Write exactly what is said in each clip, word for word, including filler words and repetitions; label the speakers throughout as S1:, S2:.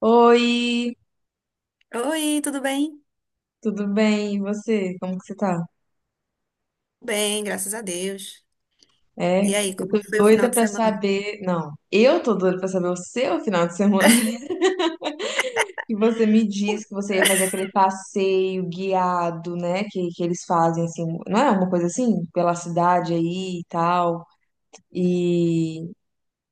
S1: Oi,
S2: Oi, tudo bem?
S1: tudo bem? E você? Como que você tá?
S2: Bem, graças a Deus.
S1: É,
S2: E aí,
S1: eu
S2: como é
S1: tô
S2: que foi o final
S1: doida
S2: de
S1: pra
S2: semana?
S1: saber. Não, eu tô doida pra saber o seu final de semana. E você me disse que você ia fazer aquele passeio guiado, né? Que, que eles fazem assim, não é uma coisa assim? Pela cidade aí e tal. E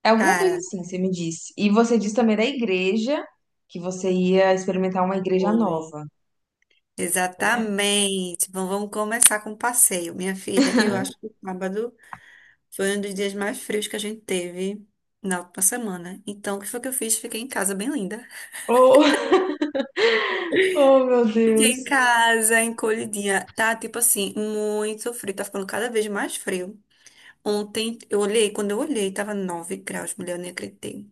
S1: é alguma coisa
S2: Cara.
S1: assim, você me disse. E você disse também da igreja que você ia experimentar uma igreja
S2: Oi.
S1: nova, né?
S2: Exatamente. Bom, vamos começar com o passeio. Minha filha, eu acho que o sábado foi um dos dias mais frios que a gente teve na última semana. Então, o que foi que eu fiz? Fiquei em casa bem linda.
S1: Oh, oh, meu
S2: Fiquei em
S1: Deus.
S2: casa, encolhidinha. Tá, tipo assim, muito frio. Tá ficando cada vez mais frio. Ontem, eu olhei, quando eu olhei, tava nove graus, mulher, eu nem acreditei.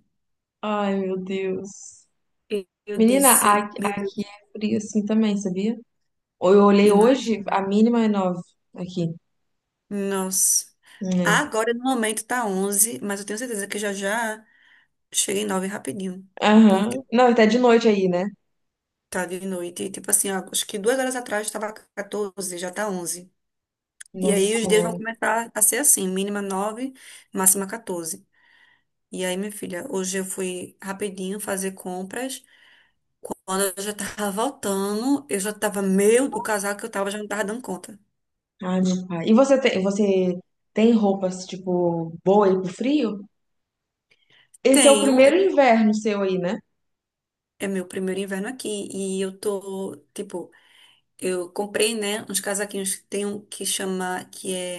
S1: Ai, meu Deus.
S2: E eu
S1: Menina, a-
S2: disse,
S1: aqui tá
S2: meu Deus.
S1: frio assim também, sabia? Eu olhei hoje, a mínima é nove aqui,
S2: Nossa.
S1: né?
S2: Agora, no momento, tá onze, mas eu tenho certeza que já já cheguei em nove rapidinho.
S1: Aham.
S2: Porque
S1: Não, e tá de noite aí, né?
S2: tá de noite. E, tipo assim, ó, acho que duas horas atrás tava quatorze, já tá onze. E
S1: Nossa
S2: aí os dias vão
S1: Senhora.
S2: começar a ser assim, mínima nove, máxima quatorze. E aí, minha filha, hoje eu fui rapidinho fazer compras. Quando eu já tava voltando, eu já tava meio… O casaco que eu tava já não tava dando conta.
S1: Ai, meu pai. E você tem, você tem roupas, tipo, boa aí pro frio? Esse é o
S2: Tenho,
S1: primeiro
S2: eu-
S1: inverno seu aí, né?
S2: é meu primeiro inverno aqui e eu tô, tipo, eu comprei, né, uns casaquinhos. Que Tem um que chama, que é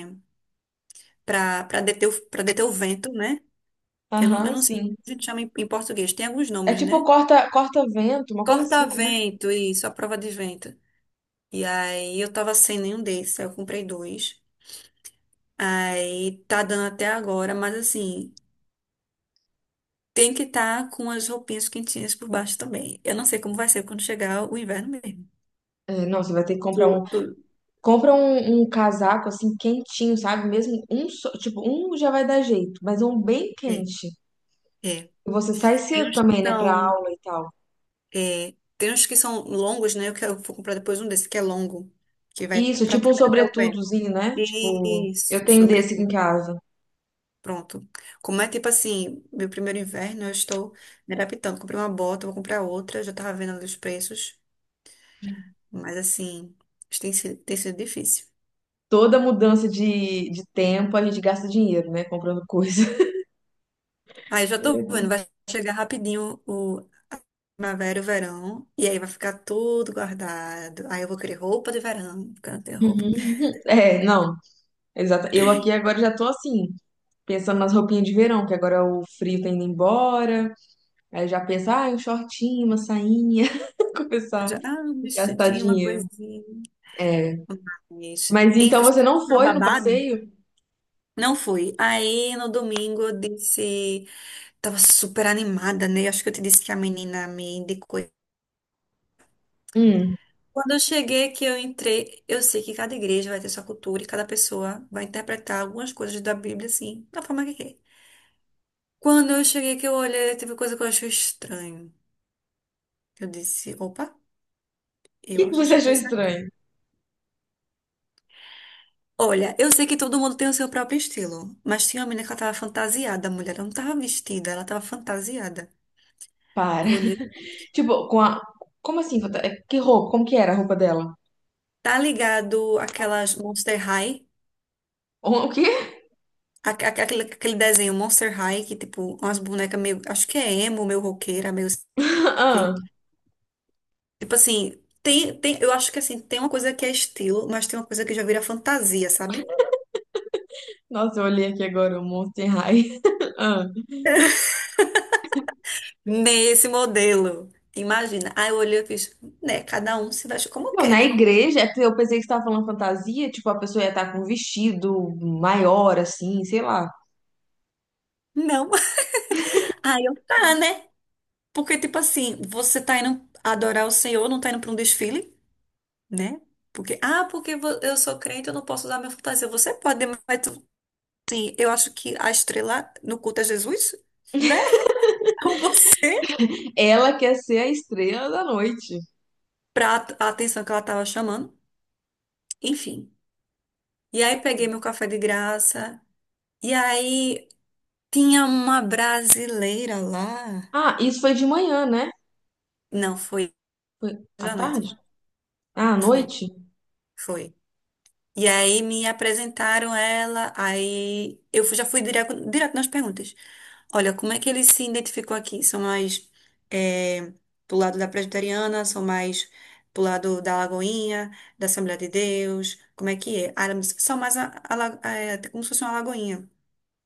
S2: para para deter, o- pra deter o vento, né? Eu não, eu
S1: Aham,
S2: não sei como
S1: sim.
S2: a gente chama em, em português. Tem alguns
S1: É
S2: nomes,
S1: tipo
S2: né?
S1: corta, corta-vento, uma coisa assim, né?
S2: Corta-vento, isso, a prova de vento. E aí eu tava sem nenhum desses, aí eu comprei dois. Aí tá dando até agora, mas assim, tem que estar com as roupinhas quentinhas por baixo também. Eu não sei como vai ser quando chegar o inverno mesmo.
S1: É, não, você vai ter que
S2: Tu,
S1: comprar um,
S2: tu-
S1: compra um, um casaco assim quentinho, sabe? Mesmo um, só- tipo, um já vai dar jeito, mas é um bem
S2: é,
S1: quente.
S2: é.
S1: Você sai
S2: Tem
S1: cedo
S2: uns que
S1: também, né, pra
S2: são
S1: aula e tal.
S2: É, tem uns que são longos, né? Eu quero- vou comprar depois um desse que é longo, que vai
S1: Isso,
S2: pra
S1: tipo um
S2: trás até o pé.
S1: sobretudozinho, né? Tipo, eu
S2: Isso,
S1: tenho desse aqui em
S2: sobretudo.
S1: casa.
S2: Pronto. Como é tipo assim, meu primeiro inverno, eu estou me adaptando. Comprei uma bota, vou comprar outra, já tava vendo ali os preços, mas assim, isso tem sido, tem sido difícil.
S1: Toda mudança de, de tempo a gente gasta dinheiro, né, comprando coisa.
S2: Aí já tô vendo, vai chegar rapidinho o primavera e o verão, e aí vai ficar tudo guardado. Aí eu vou querer roupa de verão, porque eu não tenho roupa.
S1: Uhum. É, não, exato. Eu aqui agora já tô assim, pensando nas roupinhas de verão, que agora o frio tá indo embora. Aí eu já penso, ah, um shortinho, uma sainha. Começar a
S2: Já, ah, um
S1: gastar
S2: vestidinho, uma
S1: dinheiro.
S2: coisinha.
S1: É.
S2: Mas,
S1: Mas então
S2: enfim,
S1: você
S2: fui
S1: não
S2: comprar o
S1: foi no
S2: babado.
S1: passeio?
S2: Não fui. Aí no domingo eu disse, tava super animada, né? Acho que eu te disse que a menina me indicou.
S1: Hum. O
S2: Quando eu cheguei, que eu entrei, eu sei que cada igreja vai ter sua cultura e cada pessoa vai interpretar algumas coisas da Bíblia, assim, da forma que quer. Quando eu cheguei, que eu olhei, teve coisa que eu achei estranho. Eu disse, opa, eu
S1: que que você
S2: acho que
S1: achou
S2: é isso aqui.
S1: estranho?
S2: Olha, eu sei que todo mundo tem o seu próprio estilo, mas tinha uma menina que ela tava fantasiada, a mulher ela não tava vestida, ela tava fantasiada.
S1: Para.
S2: Olhe,
S1: Tipo, com a. Como assim? fanta- é, que roupa? Como que era a roupa dela?
S2: tá ligado aquelas Monster High?
S1: O o quê?
S2: Aque- aque- Aquele, aquele desenho Monster High, que, tipo, umas bonecas meio. Acho que é emo, meio roqueira, meio. Sei o
S1: Ah,
S2: quê. Tipo assim, tem, tem, eu acho que assim, tem uma coisa que é estilo, mas tem uma coisa que já vira fantasia, sabe?
S1: nossa, eu olhei aqui agora o Monster High. Ah.
S2: Nesse modelo. Imagina. Aí eu olhei e fiz, né? Cada um se veste como
S1: Não,
S2: quer,
S1: na
S2: né?
S1: igreja, é porque eu pensei que você tava falando fantasia, tipo, a pessoa ia estar com um vestido maior, assim, sei lá.
S2: Não. Aí eu, tá, né? Porque, tipo assim, você tá indo adorar o Senhor, não tá indo pra um desfile? Né? Porque, ah, porque vo- eu sou crente, eu não posso usar minha fantasia. Você pode, mas tu- sim, eu acho que a estrela no culto é Jesus, né? Com você,
S1: Ela quer ser a estrela da noite.
S2: pra at- a atenção que ela tava chamando. Enfim. E aí peguei meu café de graça. E aí tinha uma brasileira lá.
S1: Ah, isso foi de manhã, né?
S2: Não, foi
S1: Foi
S2: hoje
S1: à
S2: à
S1: tarde?
S2: noite.
S1: Ah, à
S2: Foi,
S1: noite?
S2: foi. E aí me apresentaram ela, aí eu fui- já fui direto, direto nas perguntas. Olha, como é que ele se identificou aqui? São mais eh, pro lado da presbiteriana, são mais pro lado da Lagoinha, da Assembleia de Deus, como é que é? Ah, ela me disse, são mais a, a la- eh, como se fosse uma Lagoinha.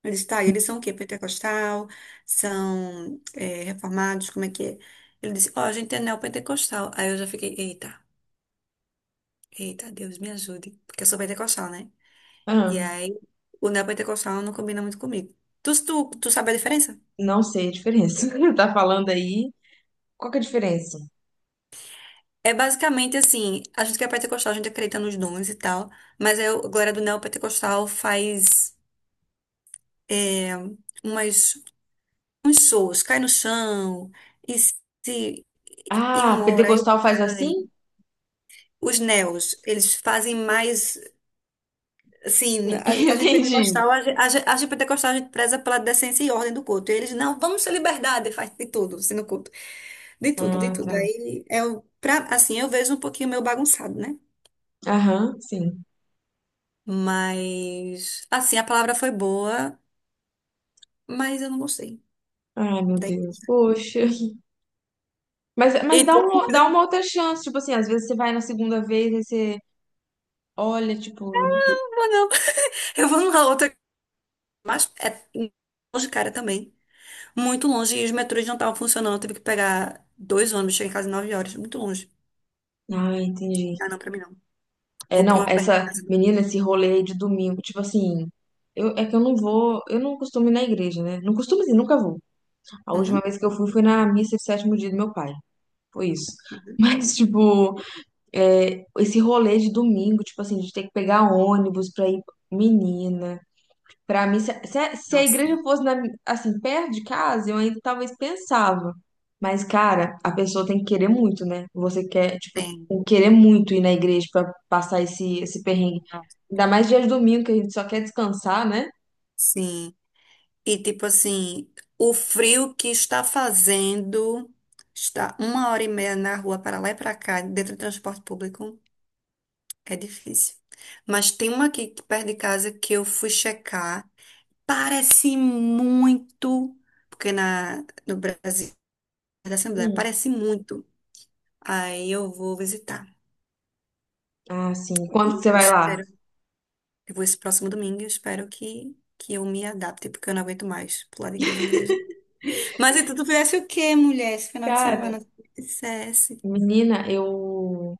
S2: Eu disse, tá, e eles são o quê? Pentecostal? São eh, reformados? Como é que é? Ele disse, ó, a gente é neopentecostal. Aí eu já fiquei, eita, eita, Deus me ajude, porque eu sou pentecostal, né? E
S1: Ah,
S2: aí, o neopentecostal não combina muito comigo. Tu, tu, tu sabe a diferença?
S1: não sei a diferença. Tá falando aí. Qual que é a diferença?
S2: É basicamente assim, a gente que é pentecostal, a gente acredita nos dons e tal, mas aí a galera do neopentecostal faz é, umas, uns shows, cai no chão, e se e um
S1: Ah,
S2: ora, aí outro
S1: pentecostal faz
S2: cai.
S1: assim?
S2: Os neos, eles fazem mais, assim, a, a gente
S1: Entendi.
S2: pentecostal, a, gen- a, gen- a gente pentecostal, a gente preza pela decência e ordem do culto. E eles, não, vamos ter liberdade, faz de tudo, assim, no culto. De tudo, de
S1: Ah,
S2: tudo.
S1: tá.
S2: Aí é o pra, assim, eu vejo um pouquinho meio bagunçado, né?
S1: Aham, sim.
S2: Mas assim, a palavra foi boa, mas eu não gostei.
S1: Ai, meu
S2: Daí,
S1: Deus, poxa. Mas, mas dá
S2: eita, eu
S1: uma, dá uma outra chance, tipo assim, às vezes você vai na segunda vez e você olha, tipo.
S2: não vou não. Eu vou numa outra, mas é longe, cara, também. Muito longe e os metrôs não estavam funcionando, eu tive que pegar dois ônibus, cheguei em casa nove horas, muito longe.
S1: Ah, entendi.
S2: Ah, não, pra mim não.
S1: É,
S2: Vou pra
S1: não,
S2: uma perto de
S1: essa
S2: casa.
S1: menina, esse rolê aí de domingo, tipo assim, eu, é que eu não vou, eu não costumo ir na igreja, né? Não costumo assim, nunca vou. A última
S2: Uhum,
S1: vez que eu fui foi na missa de sétimo dia do meu pai. Foi isso.
S2: uhum.
S1: Mas, tipo, é, esse rolê de domingo, tipo assim, de ter que pegar ônibus pra ir, menina. Pra mim, se, se a se a
S2: Nossa,
S1: igreja fosse na mi- assim, perto de casa, eu ainda talvez pensava. Mas, cara, a pessoa tem que querer muito, né? Você quer, tipo,
S2: tem.
S1: tem que querer muito ir na igreja pra passar esse, esse perrengue.
S2: Nossa,
S1: Ainda mais dia de domingo, que a gente só quer descansar, né?
S2: sim. E tipo assim, o frio que está fazendo, está uma hora e meia na rua para lá e para cá, dentro do transporte público, é difícil. Mas tem uma aqui perto de casa que eu fui checar, parece muito, porque na, no Brasil, da Assembleia,
S1: Hum.
S2: parece muito. Aí eu vou visitar.
S1: Ah, sim. Quando
S2: E
S1: que você
S2: eu
S1: vai lá?
S2: espero, eu vou esse próximo domingo, eu espero que, que eu me adapte, porque eu não aguento mais pular de igreja em igreja. Mas então tu fizesse o quê, mulher, esse final de
S1: Cara,
S2: semana? Tu fizesse.
S1: menina, eu.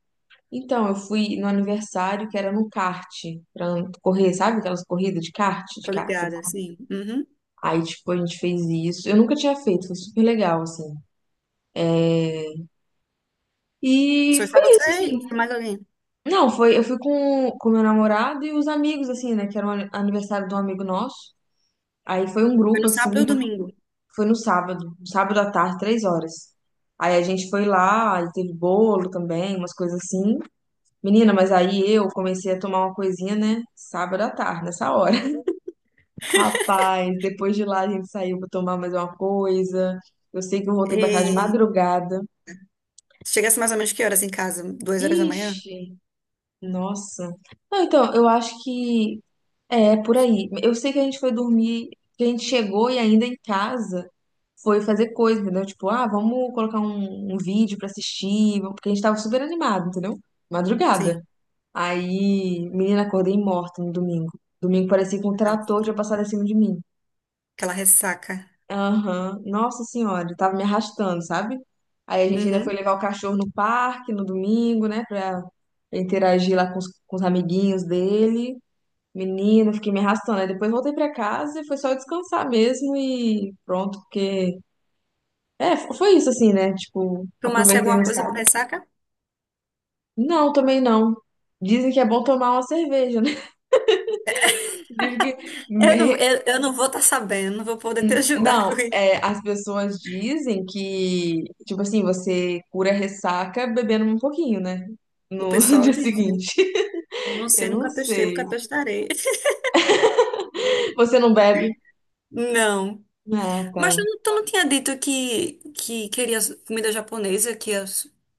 S1: Então, eu fui no aniversário que era no kart, pra correr, sabe aquelas corridas de kart, de
S2: Tô
S1: kart?
S2: ligada, sim. Uhum.
S1: Aí, tipo, a gente fez isso. Eu nunca tinha feito, foi super legal, assim. E
S2: Foi só
S1: foi isso,
S2: você e
S1: assim.
S2: foi mais alguém?
S1: Não, foi, eu fui com com meu namorado e os amigos, assim, né? Que era o ani- aniversário de um amigo nosso. Aí foi um
S2: Foi
S1: grupo,
S2: no
S1: assim,
S2: sábado ou domingo?
S1: foi no sábado, um sábado à tarde, três horas. Aí a gente foi lá, e teve bolo também, umas coisas assim. Menina, mas aí eu comecei a tomar uma coisinha, né? Sábado à tarde, nessa hora. Rapaz, depois de lá a gente saiu pra tomar mais uma coisa. Eu sei que eu voltei pra casa de
S2: E
S1: madrugada.
S2: chegasse mais ou menos que horas em casa? Duas horas da manhã?
S1: Ixi, nossa. Não, então, eu acho que é, por aí. Eu sei que a gente foi dormir, que a gente chegou e ainda em casa foi fazer coisa, entendeu? Tipo, ah, vamos colocar um, um vídeo pra assistir, vamos- porque a gente tava super animado, entendeu?
S2: Sim.
S1: Madrugada. Aí, menina, acordei morta no domingo. Domingo parecia que um
S2: Não.
S1: trator tinha passado em cima de mim.
S2: Aquela ressaca.
S1: Aham, Nossa Senhora, eu tava me arrastando, sabe? Aí a gente ainda foi
S2: Uhum.
S1: levar o cachorro no parque no domingo, né, pra interagir lá com os, com os amiguinhos dele. Menino, fiquei me arrastando. Aí depois voltei pra casa e foi só descansar mesmo e pronto, porque. É, f- foi isso assim, né? Tipo,
S2: Tomasse
S1: aproveitei
S2: alguma
S1: no
S2: coisa pra
S1: sábado.
S2: ressaca?
S1: Não, também não. Dizem que é bom tomar uma cerveja, né? Dizem que.
S2: Eu não,
S1: É,
S2: eu, eu não vou estar sabendo, não vou poder te ajudar
S1: não,
S2: com
S1: é,
S2: isso.
S1: as pessoas dizem que, tipo assim, você cura a ressaca bebendo um pouquinho, né?
S2: O
S1: No
S2: pessoal
S1: dia
S2: diz, né?
S1: seguinte.
S2: Eu não
S1: Eu
S2: sei,
S1: não
S2: nunca testei,
S1: sei.
S2: nunca testarei.
S1: Você não bebe?
S2: Não.
S1: Ah,
S2: Mas tu
S1: tá.
S2: não, tu não tinha dito que, que queria comida japonesa, que ia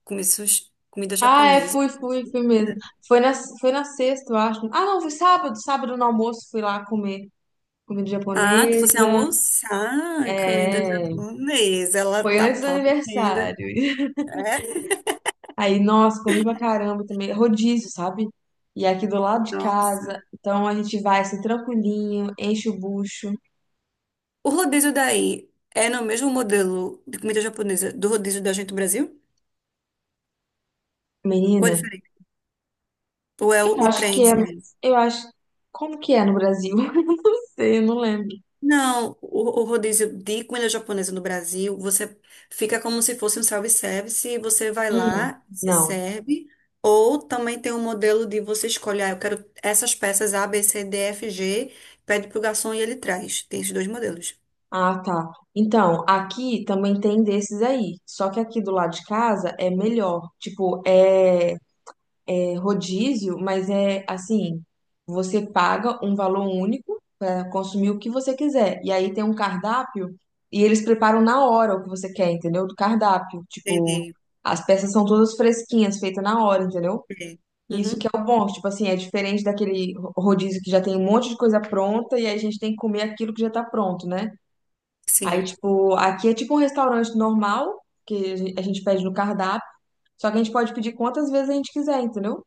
S2: comer sushi- comida
S1: Ah, é,
S2: japonesa?
S1: fui, fui, fui mesmo. Foi na, foi na sexta, eu acho. Ah, não, foi sábado. Sábado no almoço fui lá comer comida
S2: Ah, tu fosse
S1: japonesa.
S2: almoçar comida
S1: É,
S2: japonesa. Ela
S1: foi
S2: tá
S1: antes do aniversário.
S2: podendo. É?
S1: Aí, nossa, comi pra caramba também. Rodízio, sabe? E é aqui do lado de
S2: Nossa.
S1: casa. Então a gente vai assim, tranquilinho, enche o bucho.
S2: O rodízio daí é no mesmo modelo de comida japonesa do rodízio da gente no Brasil? Ou é
S1: Menina,
S2: diferente? Ou é o,
S1: eu
S2: o
S1: acho que é.
S2: trenzinho?
S1: Eu acho. Como que é no Brasil? Não sei, eu não lembro.
S2: Não, o, o rodízio de comida japonesa no Brasil, você fica como se fosse um self-service, e você vai
S1: Hum,
S2: lá, se
S1: não.
S2: serve, ou também tem um modelo de você escolher, ah, eu quero essas peças A B C D F G, pede pro garçom e ele traz. Tem esses dois modelos.
S1: Ah, tá. Então, aqui também tem desses aí. Só que aqui do lado de casa é melhor. Tipo, é, é rodízio, mas é assim, você paga um valor único para consumir o que você quiser. E aí tem um cardápio e eles preparam na hora o que você quer, entendeu? Do cardápio. Tipo,
S2: Entendi.
S1: as peças são todas fresquinhas, feitas na hora, entendeu?
S2: É.
S1: E isso
S2: Uhum,
S1: que é o bom, tipo assim, é diferente daquele rodízio que já tem um monte de coisa pronta e aí a gente tem que comer aquilo que já tá pronto, né? Aí,
S2: sim.
S1: tipo, aqui é tipo um restaurante normal, que a gen- a gente pede no cardápio, só que a gente pode pedir quantas vezes a gente quiser, entendeu?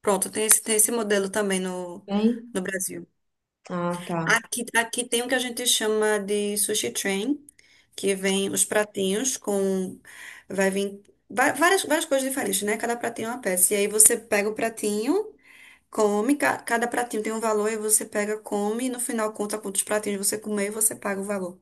S2: Pronto, tem esse, tem esse modelo também no,
S1: Tem?
S2: no Brasil.
S1: Ah, tá.
S2: Aqui, aqui tem o que a gente chama de sushi train, que vem os pratinhos com. Vai vir va- várias, várias coisas diferentes, né? Cada pratinho é uma peça. E aí você pega o pratinho, come, ca- cada pratinho tem um valor, e você pega, come, e no final conta quantos pratinhos você comer e você paga o valor.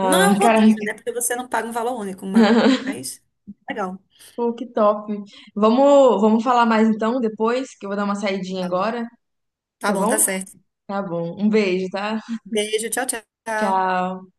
S2: Não é um rodízio,
S1: caraca.
S2: né? Porque você não paga um valor único, mas. Legal.
S1: Pô, que top. Vamos, vamos falar mais então depois, que eu vou dar uma saidinha agora,
S2: Tá
S1: tá
S2: bom, tá
S1: bom?
S2: certo.
S1: Tá bom. Um beijo, tá?
S2: Beijo, tchau, tchau.
S1: Tchau.